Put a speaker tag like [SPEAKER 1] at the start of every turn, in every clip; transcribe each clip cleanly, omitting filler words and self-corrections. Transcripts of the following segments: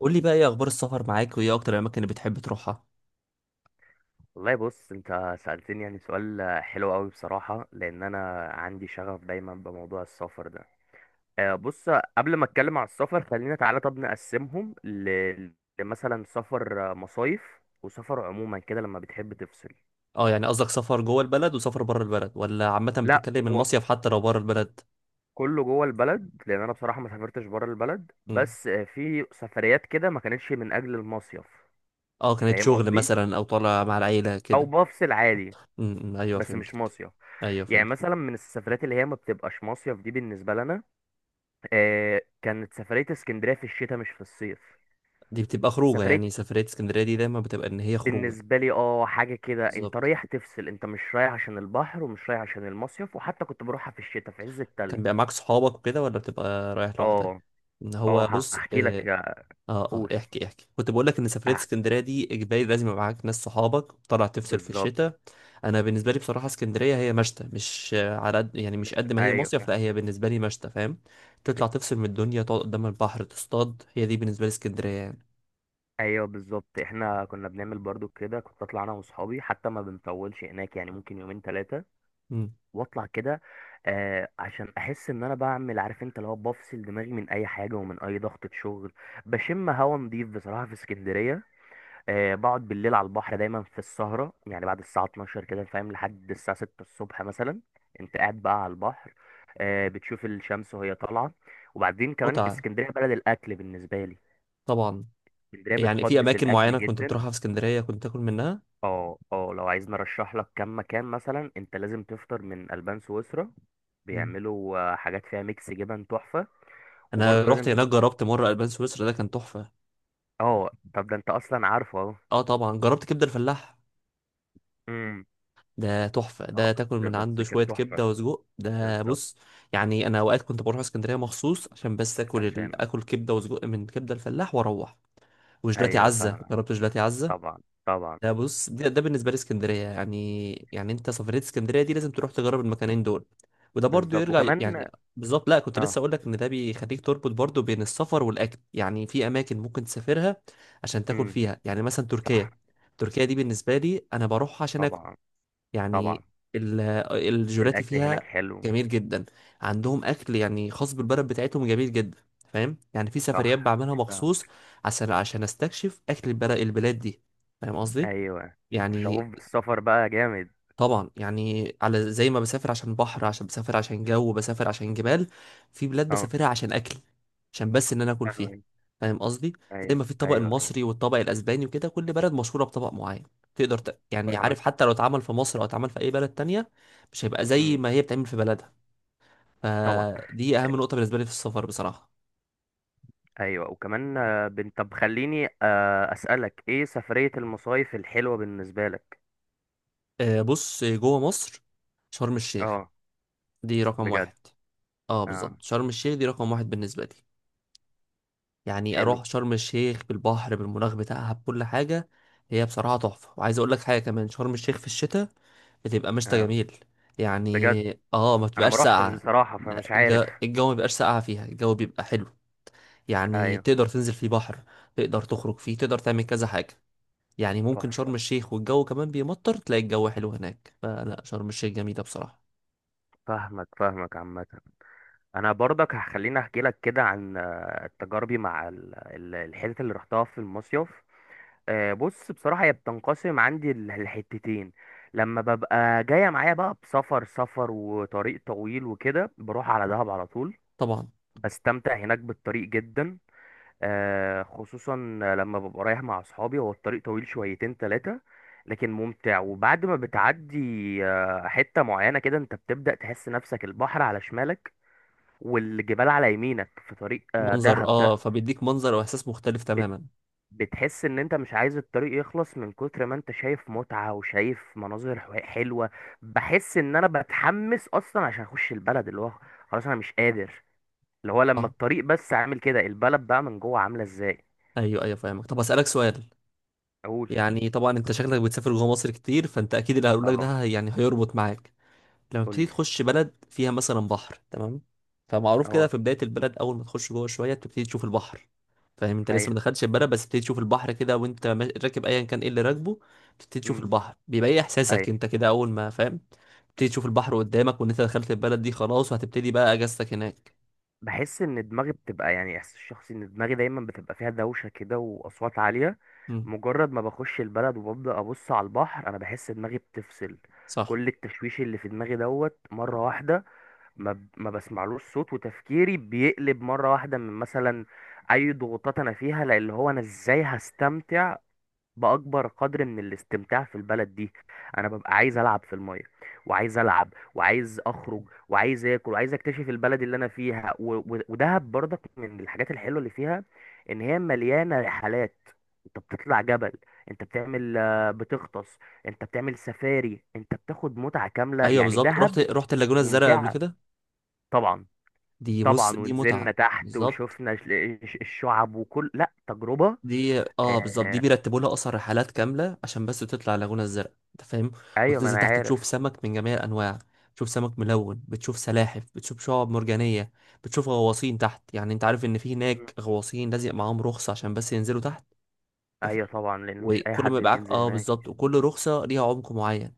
[SPEAKER 1] قول لي بقى ايه اخبار السفر معاك وايه اكتر الاماكن اللي بتحب تروحها.
[SPEAKER 2] والله بص، انت سألتني يعني سؤال حلو قوي بصراحة، لان انا عندي شغف دايما بموضوع السفر ده. بص، قبل ما اتكلم على السفر خلينا تعالى طب نقسمهم ل... لمثلا سفر مصايف وسفر عموما كده لما بتحب تفصل.
[SPEAKER 1] اه يعني قصدك سفر جوه البلد وسفر بره البلد ولا عامه
[SPEAKER 2] لا،
[SPEAKER 1] بتتكلم
[SPEAKER 2] هو
[SPEAKER 1] المصيف حتى لو بره البلد.
[SPEAKER 2] كله جوه البلد، لان انا بصراحة ما سافرتش بره البلد،
[SPEAKER 1] امم.
[SPEAKER 2] بس في سفريات كده ما كانتش من اجل المصيف.
[SPEAKER 1] اه كانت
[SPEAKER 2] فاهم
[SPEAKER 1] شغل
[SPEAKER 2] قصدي،
[SPEAKER 1] مثلا او طالع مع العيله
[SPEAKER 2] او
[SPEAKER 1] كده.
[SPEAKER 2] بفصل عادي،
[SPEAKER 1] امم، ايوه
[SPEAKER 2] بس مش
[SPEAKER 1] فهمتك.
[SPEAKER 2] مصيف.
[SPEAKER 1] ايوه
[SPEAKER 2] يعني
[SPEAKER 1] فهمت.
[SPEAKER 2] مثلا من السفرات اللي هي ما بتبقاش مصيف دي بالنسبة لنا، كانت سفرية اسكندرية في الشتاء مش في الصيف.
[SPEAKER 1] دي بتبقى خروجه،
[SPEAKER 2] سفرية
[SPEAKER 1] يعني سفريه اسكندريه دي دايما بتبقى ان هي خروجه.
[SPEAKER 2] بالنسبة لي، اه، حاجة كده انت
[SPEAKER 1] بالظبط.
[SPEAKER 2] رايح تفصل، انت مش رايح عشان البحر ومش رايح عشان المصيف، وحتى كنت بروحها في الشتاء في عز
[SPEAKER 1] كان
[SPEAKER 2] التلج.
[SPEAKER 1] بيبقى معاك صحابك وكده ولا بتبقى رايح لوحدك؟
[SPEAKER 2] اه،
[SPEAKER 1] ان
[SPEAKER 2] اه،
[SPEAKER 1] هو بص
[SPEAKER 2] هحكي لك.
[SPEAKER 1] اه
[SPEAKER 2] قول.
[SPEAKER 1] اه احكي، كنت بقول لك ان سفريه
[SPEAKER 2] اه،
[SPEAKER 1] اسكندريه دي اجباري لازم يبقى معاك ناس صحابك وطلع تفصل في
[SPEAKER 2] بالظبط.
[SPEAKER 1] الشتاء. انا بالنسبه لي بصراحه اسكندريه هي مشتى، مش على قد، يعني مش
[SPEAKER 2] مش،
[SPEAKER 1] قد ما هي
[SPEAKER 2] ايوه
[SPEAKER 1] مصيف، لا
[SPEAKER 2] فاهم.
[SPEAKER 1] هي بالنسبه لي مشتى، فاهم. تطلع تفصل من الدنيا، تقعد قدام البحر تصطاد، هي دي بالنسبه لي اسكندريه يعني.
[SPEAKER 2] ايوه بالظبط، احنا كنا بنعمل برضو كده، كنت اطلع انا واصحابي، حتى ما بنطولش هناك يعني، ممكن يومين ثلاثة
[SPEAKER 1] مم.
[SPEAKER 2] واطلع كده. عشان احس ان انا بعمل، عارف انت، اللي هو بفصل دماغي من اي حاجه ومن اي ضغطه شغل. بشم هوا نضيف بصراحه في اسكندريه. بقعد بالليل على البحر دايما في السهره، يعني بعد الساعه 12 كده فاهم، لحد الساعه 6 الصبح مثلا. انت قاعد بقى على البحر، بتشوف الشمس وهي طالعه. وبعدين كمان
[SPEAKER 1] متعه،
[SPEAKER 2] اسكندريه بلد الاكل بالنسبه لي.
[SPEAKER 1] طبعا.
[SPEAKER 2] اسكندريه
[SPEAKER 1] يعني في
[SPEAKER 2] بتقدس
[SPEAKER 1] اماكن
[SPEAKER 2] الاكل
[SPEAKER 1] معينه كنت
[SPEAKER 2] جدا.
[SPEAKER 1] بتروحها في اسكندريه كنت تاكل منها؟
[SPEAKER 2] اه اه، لو عايز نرشح لك كم مكان، مثلا انت لازم تفطر من البان سويسرا،
[SPEAKER 1] مم.
[SPEAKER 2] بيعملوا حاجات فيها ميكس جبن تحفة.
[SPEAKER 1] انا
[SPEAKER 2] وبرضه لازم
[SPEAKER 1] رحت هناك
[SPEAKER 2] تجرب.
[SPEAKER 1] جربت مره البان سويسرا ده، كان تحفه.
[SPEAKER 2] اه طب ده انت اصلا عارفه اهو.
[SPEAKER 1] اه طبعا جربت كبده الفلاح،
[SPEAKER 2] امم.
[SPEAKER 1] ده تحفة،
[SPEAKER 2] اه.
[SPEAKER 1] ده تاكل
[SPEAKER 2] بس
[SPEAKER 1] من
[SPEAKER 2] بس
[SPEAKER 1] عنده
[SPEAKER 2] كانت
[SPEAKER 1] شوية
[SPEAKER 2] تحفة.
[SPEAKER 1] كبدة وسجق، ده
[SPEAKER 2] بالظبط.
[SPEAKER 1] بص، يعني أنا أوقات كنت بروح اسكندرية مخصوص عشان
[SPEAKER 2] عشان.
[SPEAKER 1] آكل كبدة وسجق من كبدة الفلاح وأروح. وجلاتي
[SPEAKER 2] ايوه
[SPEAKER 1] عزة،
[SPEAKER 2] فاهمك.
[SPEAKER 1] جربت جلاتي عزة؟
[SPEAKER 2] طبعا. طبعا.
[SPEAKER 1] ده بص، ده بالنسبة لي اسكندرية يعني، يعني أنت سفرية اسكندرية دي لازم تروح تجرب المكانين دول. وده برضو
[SPEAKER 2] بالظبط
[SPEAKER 1] يرجع
[SPEAKER 2] وكمان.
[SPEAKER 1] يعني بالظبط. لا كنت لسه
[SPEAKER 2] اه.
[SPEAKER 1] أقول لك إن ده بيخليك تربط برضو بين السفر والأكل، يعني في أماكن ممكن تسافرها عشان تاكل
[SPEAKER 2] امم.
[SPEAKER 1] فيها، يعني مثلا
[SPEAKER 2] صح.
[SPEAKER 1] تركيا. تركيا دي بالنسبة لي أنا بروح عشان آكل،
[SPEAKER 2] طبعا. طبعا.
[SPEAKER 1] يعني ال- الجيلاتي
[SPEAKER 2] الاكل هناك
[SPEAKER 1] فيها
[SPEAKER 2] حلو.
[SPEAKER 1] جميل جدا. عندهم اكل يعني خاص بالبلد بتاعتهم، جميل جدا. فاهم، يعني في سفريات
[SPEAKER 2] صح.
[SPEAKER 1] بعملها
[SPEAKER 2] فاهم.
[SPEAKER 1] مخصوص عشان استكشف اكل البلاد دي. فاهم قصدي.
[SPEAKER 2] ايوه، انت شغوف
[SPEAKER 1] يعني
[SPEAKER 2] بالسفر بقى جامد.
[SPEAKER 1] طبعا، يعني على زي ما بسافر عشان بحر، عشان بسافر عشان جو، بسافر عشان جبال، في بلاد
[SPEAKER 2] اه.
[SPEAKER 1] بسافرها عشان اكل، عشان بس ان انا اكل فيها.
[SPEAKER 2] فاهمك.
[SPEAKER 1] فاهم قصدي. زي
[SPEAKER 2] ايوه
[SPEAKER 1] ما في الطبق
[SPEAKER 2] ايوه ايوه.
[SPEAKER 1] المصري والطبق الاسباني وكده، كل بلد مشهوره بطبق معين، يعني
[SPEAKER 2] فاهمك.
[SPEAKER 1] عارف، حتى لو اتعمل في مصر او اتعمل في اي بلد تانية مش هيبقى زي
[SPEAKER 2] مم.
[SPEAKER 1] ما هي بتعمل في بلدها.
[SPEAKER 2] طبعا.
[SPEAKER 1] فدي اهم نقطه بالنسبه لي في السفر بصراحه.
[SPEAKER 2] ايوه وكمان، طب خليني اسالك، ايه سفريه المصايف الحلوه بالنسبه لك؟
[SPEAKER 1] بص جوه مصر، شرم الشيخ.
[SPEAKER 2] اه.
[SPEAKER 1] دي رقم
[SPEAKER 2] بجد.
[SPEAKER 1] واحد. اه
[SPEAKER 2] اه.
[SPEAKER 1] بالظبط، شرم الشيخ دي رقم واحد بالنسبه لي. يعني اروح
[SPEAKER 2] حلو.
[SPEAKER 1] شرم الشيخ بالبحر بالمناخ بتاعها بكل حاجه، هي بصراحه تحفه. وعايز اقول لك حاجه كمان، شرم الشيخ في الشتاء بتبقى مشتى
[SPEAKER 2] اه.
[SPEAKER 1] جميل.
[SPEAKER 2] بجد
[SPEAKER 1] يعني اه ما
[SPEAKER 2] انا
[SPEAKER 1] بتبقاش
[SPEAKER 2] ما روحتش
[SPEAKER 1] ساقعه.
[SPEAKER 2] بصراحه،
[SPEAKER 1] لا
[SPEAKER 2] فمش عارف.
[SPEAKER 1] الجو ما بيبقاش ساقعه فيها، الجو بيبقى حلو، يعني
[SPEAKER 2] ايوه
[SPEAKER 1] تقدر تنزل فيه بحر، تقدر تخرج فيه، تقدر تعمل كذا حاجه. يعني ممكن
[SPEAKER 2] تحفه.
[SPEAKER 1] شرم الشيخ والجو كمان بيمطر، تلاقي الجو حلو هناك، فلا شرم الشيخ جميله بصراحه.
[SPEAKER 2] فاهمك فاهمك. عامه انا برضك هخليني احكي لك كده عن تجاربي مع الحتت اللي رحتها في المصيف. بص بصراحة، هي بتنقسم عندي الحتتين. لما ببقى جاية معايا بقى بسفر سفر وطريق طويل وكده، بروح على دهب على طول.
[SPEAKER 1] طبعا
[SPEAKER 2] بستمتع هناك بالطريق جدا، خصوصا لما ببقى رايح مع أصحابي. هو الطريق طويل شويتين تلاتة، لكن ممتع. وبعد ما بتعدي حتة معينة كده، انت بتبدأ تحس نفسك البحر على شمالك والجبال على يمينك في طريق
[SPEAKER 1] منظر،
[SPEAKER 2] دهب ده.
[SPEAKER 1] اه فبيديك منظر واحساس مختلف
[SPEAKER 2] بت-
[SPEAKER 1] تماما.
[SPEAKER 2] بتحس ان انت مش عايز الطريق يخلص من كتر ما انت شايف متعة وشايف مناظر حلوة. بحس ان انا بتحمس اصلا عشان اخش البلد، اللي هو، خلاص انا مش قادر، اللي هو لما
[SPEAKER 1] اه
[SPEAKER 2] الطريق بس عامل كده البلد بقى من جوه عاملة ازاي.
[SPEAKER 1] ايوه فاهمك. طب اسالك سؤال،
[SPEAKER 2] اقول.
[SPEAKER 1] يعني طبعا انت شكلك بتسافر جوه مصر كتير، فانت اكيد اللي هقول لك
[SPEAKER 2] اه.
[SPEAKER 1] ده يعني هيربط معاك. لما بتبتدي
[SPEAKER 2] قول.
[SPEAKER 1] تخش بلد فيها مثلا بحر، تمام؟ فمعروف كده
[SPEAKER 2] اه.
[SPEAKER 1] في بداية البلد اول ما تخش جوه شوية بتبتدي تشوف البحر. فاهم انت لسه ما
[SPEAKER 2] ايوه.
[SPEAKER 1] دخلتش البلد بس بتبتدي تشوف البحر كده، وانت راكب ايا كان ايه اللي راكبه، بتبتدي تشوف
[SPEAKER 2] امم.
[SPEAKER 1] البحر، بيبقى ايه احساسك
[SPEAKER 2] أيوه.
[SPEAKER 1] انت كده اول ما فاهم بتبتدي تشوف البحر قدامك، وان انت دخلت البلد دي خلاص وهتبتدي بقى اجازتك هناك؟
[SPEAKER 2] بحس ان دماغي بتبقى، يعني احساس شخصي، ان دماغي دايما بتبقى فيها دوشه كده واصوات عاليه.
[SPEAKER 1] امم.
[SPEAKER 2] مجرد ما بخش البلد وببدا ابص على البحر، انا بحس دماغي بتفصل.
[SPEAKER 1] صح.
[SPEAKER 2] كل التشويش اللي في دماغي دوت مره واحده. ما بسمعلوش صوت، وتفكيري بيقلب مره واحده من مثلا اي ضغوطات انا فيها. لان هو انا ازاي هستمتع باكبر قدر من الاستمتاع في البلد دي؟ انا ببقى عايز العب في الميه، وعايز العب، وعايز اخرج، وعايز اكل، وعايز اكتشف البلد اللي انا فيها ودهب برضك من الحاجات الحلوه اللي فيها، ان هي مليانه رحلات. انت بتطلع جبل، انت بتعمل بتغطس، انت بتعمل سفاري، انت بتاخد متعه كامله
[SPEAKER 1] ايوه
[SPEAKER 2] يعني
[SPEAKER 1] بالظبط.
[SPEAKER 2] دهب.
[SPEAKER 1] رحت اللاجونة الزرقاء قبل
[SPEAKER 2] ممتعه.
[SPEAKER 1] كده،
[SPEAKER 2] طبعا.
[SPEAKER 1] دي بص
[SPEAKER 2] طبعا
[SPEAKER 1] دي
[SPEAKER 2] ونزلنا
[SPEAKER 1] متعة.
[SPEAKER 2] تحت
[SPEAKER 1] بالظبط.
[SPEAKER 2] وشفنا الشعب وكل، لا تجربه.
[SPEAKER 1] دي اه بالظبط، دي
[SPEAKER 2] آه،
[SPEAKER 1] بيرتبوا لها اصلا رحلات كامله عشان بس تطلع اللاجونه الزرقاء، انت فاهم.
[SPEAKER 2] ايوه ما
[SPEAKER 1] وتنزل
[SPEAKER 2] انا
[SPEAKER 1] تحت
[SPEAKER 2] عارف.
[SPEAKER 1] تشوف سمك من جميع الانواع، تشوف سمك ملون، بتشوف سلاحف، بتشوف شعاب مرجانيه، بتشوف غواصين تحت. يعني انت عارف ان في هناك غواصين لازق معاهم رخصه عشان بس ينزلوا تحت، انت
[SPEAKER 2] ايوه
[SPEAKER 1] فاهم.
[SPEAKER 2] طبعا، لان مش اي
[SPEAKER 1] وكل
[SPEAKER 2] حد
[SPEAKER 1] ما يبقى معاك،
[SPEAKER 2] بينزل
[SPEAKER 1] اه
[SPEAKER 2] هناك.
[SPEAKER 1] بالظبط، وكل رخصه ليها عمق معين،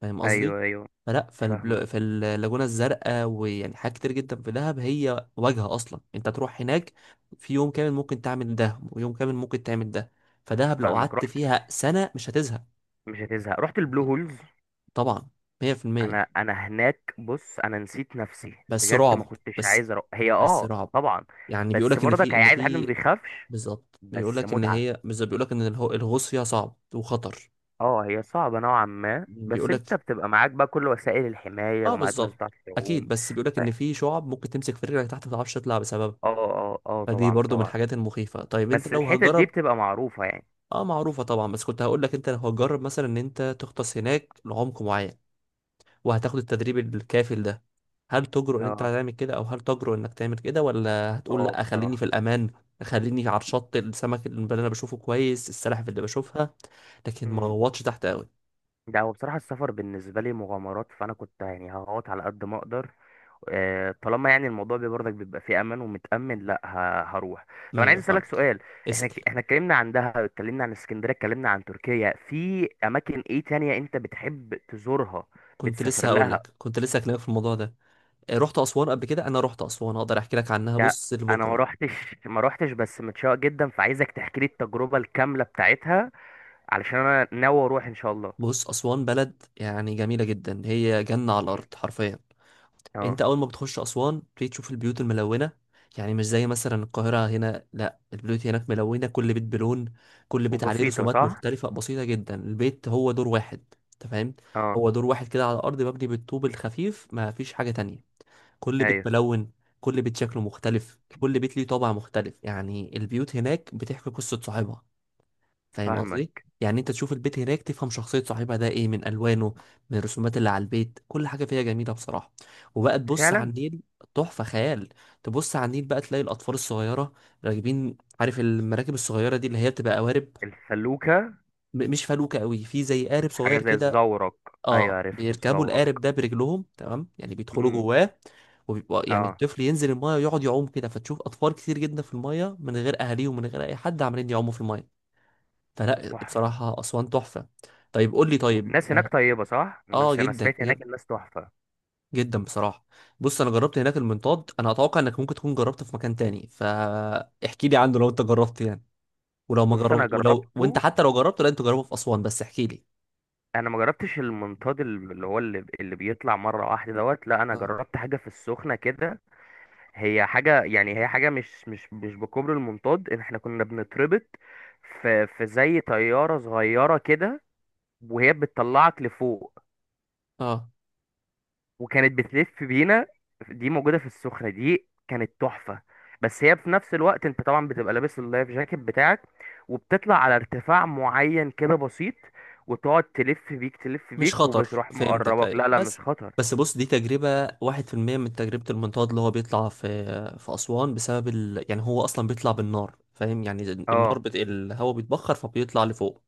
[SPEAKER 1] فاهم قصدي.
[SPEAKER 2] ايوه ايوه فاهمك.
[SPEAKER 1] فاللاجونة الزرقاء ويعني حاجات كتير جدا في دهب، هي واجهة أصلا أنت تروح هناك. في يوم كامل ممكن تعمل ده ويوم كامل ممكن تعمل ده، فدهب لو
[SPEAKER 2] فاهمك.
[SPEAKER 1] قعدت
[SPEAKER 2] رحت.
[SPEAKER 1] فيها سنة مش هتزهق.
[SPEAKER 2] مش هتزهق. رحت البلو هولز.
[SPEAKER 1] طبعا، 100%.
[SPEAKER 2] انا هناك بص، انا نسيت نفسي
[SPEAKER 1] بس
[SPEAKER 2] بجد، ما
[SPEAKER 1] رعب
[SPEAKER 2] كنتش
[SPEAKER 1] بس
[SPEAKER 2] عايز أروح. هي
[SPEAKER 1] بس
[SPEAKER 2] اه
[SPEAKER 1] رعب
[SPEAKER 2] طبعا.
[SPEAKER 1] يعني
[SPEAKER 2] بس
[SPEAKER 1] بيقولك إن
[SPEAKER 2] برضك
[SPEAKER 1] في
[SPEAKER 2] هي
[SPEAKER 1] إن
[SPEAKER 2] عايز حد ما
[SPEAKER 1] في
[SPEAKER 2] بيخافش.
[SPEAKER 1] بالظبط
[SPEAKER 2] بس
[SPEAKER 1] بيقولك إن
[SPEAKER 2] متعه.
[SPEAKER 1] هي بالظبط بيقولك إن الغوص فيها صعب وخطر.
[SPEAKER 2] اه هي صعبه نوعا ما، بس
[SPEAKER 1] بيقولك
[SPEAKER 2] انت بتبقى معاك بقى كل وسائل الحمايه
[SPEAKER 1] آه
[SPEAKER 2] ومعاك ناس
[SPEAKER 1] بالظبط،
[SPEAKER 2] بتعرف
[SPEAKER 1] أكيد،
[SPEAKER 2] تعوم.
[SPEAKER 1] بس بيقولك
[SPEAKER 2] ف- اه
[SPEAKER 1] إن في شعب ممكن تمسك في رجلك تحت ما تعرفش تطلع بسببها.
[SPEAKER 2] اه اه
[SPEAKER 1] فدي
[SPEAKER 2] طبعا
[SPEAKER 1] برضو من
[SPEAKER 2] طبعا.
[SPEAKER 1] الحاجات المخيفة. طيب انت
[SPEAKER 2] بس
[SPEAKER 1] لو
[SPEAKER 2] الحتت دي
[SPEAKER 1] هجرب،
[SPEAKER 2] بتبقى معروفه يعني.
[SPEAKER 1] اه معروفة طبعا، بس كنت هقول لك انت لو هتجرب مثلا ان انت تغطس هناك لعمق معين وهتاخد التدريب الكافل ده، هل تجرؤ ان انت
[SPEAKER 2] اه.
[SPEAKER 1] هتعمل كده، او هل تجرؤ انك تعمل كده، ولا هتقول
[SPEAKER 2] اه
[SPEAKER 1] لا خليني
[SPEAKER 2] بصراحه.
[SPEAKER 1] في الامان، خليني على الشط، السمك اللي انا بشوفه كويس، السلاحف اللي بشوفها، لكن ما
[SPEAKER 2] إمم.
[SPEAKER 1] غوطش تحت قوي.
[SPEAKER 2] ده هو بصراحة السفر بالنسبة لي مغامرات، فأنا كنت يعني هقعد على قد ما أقدر، طالما يعني الموضوع برضك بيبقى فيه أمان ومتأمن. لأ هروح. طب
[SPEAKER 1] ما
[SPEAKER 2] أنا عايز
[SPEAKER 1] هي
[SPEAKER 2] أسألك
[SPEAKER 1] فاهمك.
[SPEAKER 2] سؤال. إحنا
[SPEAKER 1] اسأل.
[SPEAKER 2] إحنا اتكلمنا عن دهب، اتكلمنا عن اسكندرية، اتكلمنا عن تركيا، في أماكن إيه تانية أنت بتحب تزورها؟
[SPEAKER 1] كنت لسه
[SPEAKER 2] بتسافر
[SPEAKER 1] هقول
[SPEAKER 2] لها.
[SPEAKER 1] لك، كنت لسه هكلمك في الموضوع ده. رحت اسوان قبل كده، انا رحت اسوان اقدر احكي لك عنها.
[SPEAKER 2] ده
[SPEAKER 1] بص
[SPEAKER 2] أنا ما
[SPEAKER 1] لبكره،
[SPEAKER 2] روحتش ما روحتش بس متشوق جدا، فعايزك تحكي لي التجربة الكاملة بتاعتها، علشان أنا ناوي أروح إن شاء الله.
[SPEAKER 1] بص أسوان بلد يعني جميلة جدا، هي جنة على
[SPEAKER 2] مم.
[SPEAKER 1] الأرض حرفيا. أنت
[SPEAKER 2] أه.
[SPEAKER 1] أول ما بتخش أسوان بتيجي تشوف البيوت الملونة. يعني مش زي مثلا القاهرة هنا، لا البيوت هناك ملونة، كل بيت بلون، كل بيت عليه
[SPEAKER 2] وبسيطة
[SPEAKER 1] رسومات
[SPEAKER 2] صح؟
[SPEAKER 1] مختلفة بسيطة جدا، البيت هو دور واحد. أنت فاهم،
[SPEAKER 2] أه.
[SPEAKER 1] هو دور واحد كده على الأرض مبني بالطوب الخفيف، ما فيش حاجة تانية. كل بيت
[SPEAKER 2] أيوه.
[SPEAKER 1] ملون، كل بيت شكله مختلف، كل بيت ليه طابع مختلف. يعني البيوت هناك بتحكي قصة صاحبها، فاهم قصدي.
[SPEAKER 2] فاهمك.
[SPEAKER 1] يعني انت تشوف البيت هناك تفهم شخصية صاحبها ده ايه، من الوانه، من الرسومات اللي على البيت، كل حاجة فيها جميلة بصراحة. وبقى تبص على
[SPEAKER 2] فعلا.
[SPEAKER 1] النيل، تحفة خيال. تبص على النيل بقى تلاقي الاطفال الصغيرة راكبين، عارف المراكب الصغيرة دي اللي هي بتبقى قوارب،
[SPEAKER 2] الفلوكة.
[SPEAKER 1] مش فلوكة قوي، في زي قارب
[SPEAKER 2] حاجة
[SPEAKER 1] صغير
[SPEAKER 2] زي
[SPEAKER 1] كده،
[SPEAKER 2] الزورق. أيوة،
[SPEAKER 1] اه
[SPEAKER 2] عرفته،
[SPEAKER 1] بيركبوا
[SPEAKER 2] الزورق.
[SPEAKER 1] القارب ده برجلهم، تمام، يعني بيدخلوا
[SPEAKER 2] امم.
[SPEAKER 1] جواه، وبيبقى يعني
[SPEAKER 2] اه.
[SPEAKER 1] الطفل ينزل المايه ويقعد يعوم كده. فتشوف اطفال كتير جدا في المايه من غير اهاليهم ومن غير اي حد عمالين يعوموا في المايه. فلا
[SPEAKER 2] تحفة.
[SPEAKER 1] بصراحة أسوان تحفة. طيب قول لي، طيب
[SPEAKER 2] والناس هناك
[SPEAKER 1] آه
[SPEAKER 2] طيبة صح؟
[SPEAKER 1] آه،
[SPEAKER 2] الناس أنا
[SPEAKER 1] جدا
[SPEAKER 2] سمعت هناك
[SPEAKER 1] جد-
[SPEAKER 2] الناس تحفة.
[SPEAKER 1] جدا بصراحة. بص أنا جربت هناك المنطاد، أنا أتوقع إنك ممكن تكون جربته في مكان تاني، فاحكي لي عنه لو أنت جربت يعني، ولو ما
[SPEAKER 2] بص أنا
[SPEAKER 1] جربت، ولو وأنت
[SPEAKER 2] جربته.
[SPEAKER 1] حتى لو جربته لا أنت جربه في أسوان، بس احكي لي.
[SPEAKER 2] أنا ما جربتش المنطاد اللي هو اللي بيطلع مرة واحدة دوت، لا أنا
[SPEAKER 1] آه.
[SPEAKER 2] جربت حاجة في السخنة كده. هي حاجة يعني، هي حاجة مش بكوبري المنطاد، إن إحنا كنا بنتربط في زي طيارة صغيرة كده وهي بتطلعك لفوق،
[SPEAKER 1] آه.
[SPEAKER 2] وكانت بتلف بينا. دي موجودة في السخنة، دي كانت تحفة. بس هي في نفس الوقت انت طبعا بتبقى لابس اللايف جاكيت بتاعك، وبتطلع على ارتفاع معين كده بسيط، وتقعد تلف بيك تلف
[SPEAKER 1] مش
[SPEAKER 2] بيك،
[SPEAKER 1] خطر.
[SPEAKER 2] وبتروح
[SPEAKER 1] فهمتك،
[SPEAKER 2] مقربك،
[SPEAKER 1] أيوة.
[SPEAKER 2] لا لا مش
[SPEAKER 1] بس
[SPEAKER 2] خطر.
[SPEAKER 1] بس بص دي تجربة واحد في المية من تجربة المنطاد اللي هو بيطلع في في أسوان، بسبب يعني هو أصلا بيطلع بالنار، فاهم يعني النار
[SPEAKER 2] اه.
[SPEAKER 1] الهواء بيتبخر فبيطلع لفوق.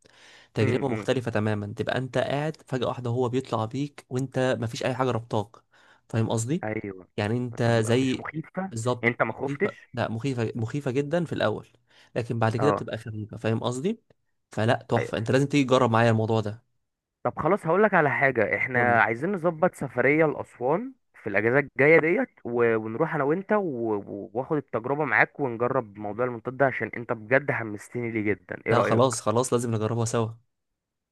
[SPEAKER 1] تجربة
[SPEAKER 2] امم.
[SPEAKER 1] مختلفة تماما، تبقى أنت قاعد فجأة واحدة هو بيطلع بيك وأنت مفيش أي حاجة ربطاك. فاهم قصدي؟
[SPEAKER 2] ايوه.
[SPEAKER 1] يعني أنت
[SPEAKER 2] طب مش
[SPEAKER 1] زي
[SPEAKER 2] مخيفة؟
[SPEAKER 1] بالظبط
[SPEAKER 2] انت ما خفتش؟
[SPEAKER 1] مخيفة. لا مخيفة، مخيفة جدا في الأول، لكن بعد كده
[SPEAKER 2] اه.
[SPEAKER 1] بتبقى خفيفة. فاهم قصدي؟ فلا تحفة، أنت لازم تيجي تجرب معايا الموضوع ده.
[SPEAKER 2] طب خلاص، هقول لك على حاجة،
[SPEAKER 1] قول
[SPEAKER 2] احنا
[SPEAKER 1] لي.
[SPEAKER 2] عايزين نظبط سفرية لأسوان في الأجازة الجاية ديت، ونروح أنا وأنت وآخد التجربة معاك ونجرب موضوع المنطاد ده، عشان أنت بجد حمستني ليه جدا، إيه
[SPEAKER 1] لا خلاص
[SPEAKER 2] رأيك؟
[SPEAKER 1] خلاص، لازم نجربها سوا.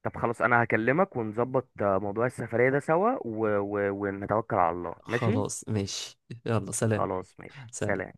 [SPEAKER 2] طب خلاص، أنا هكلمك ونظبط موضوع السفرية ده سوا ونتوكل على الله ماشي؟
[SPEAKER 1] خلاص ماشي. يلا سلام.
[SPEAKER 2] خلاص ماشي، سلام.
[SPEAKER 1] سلام.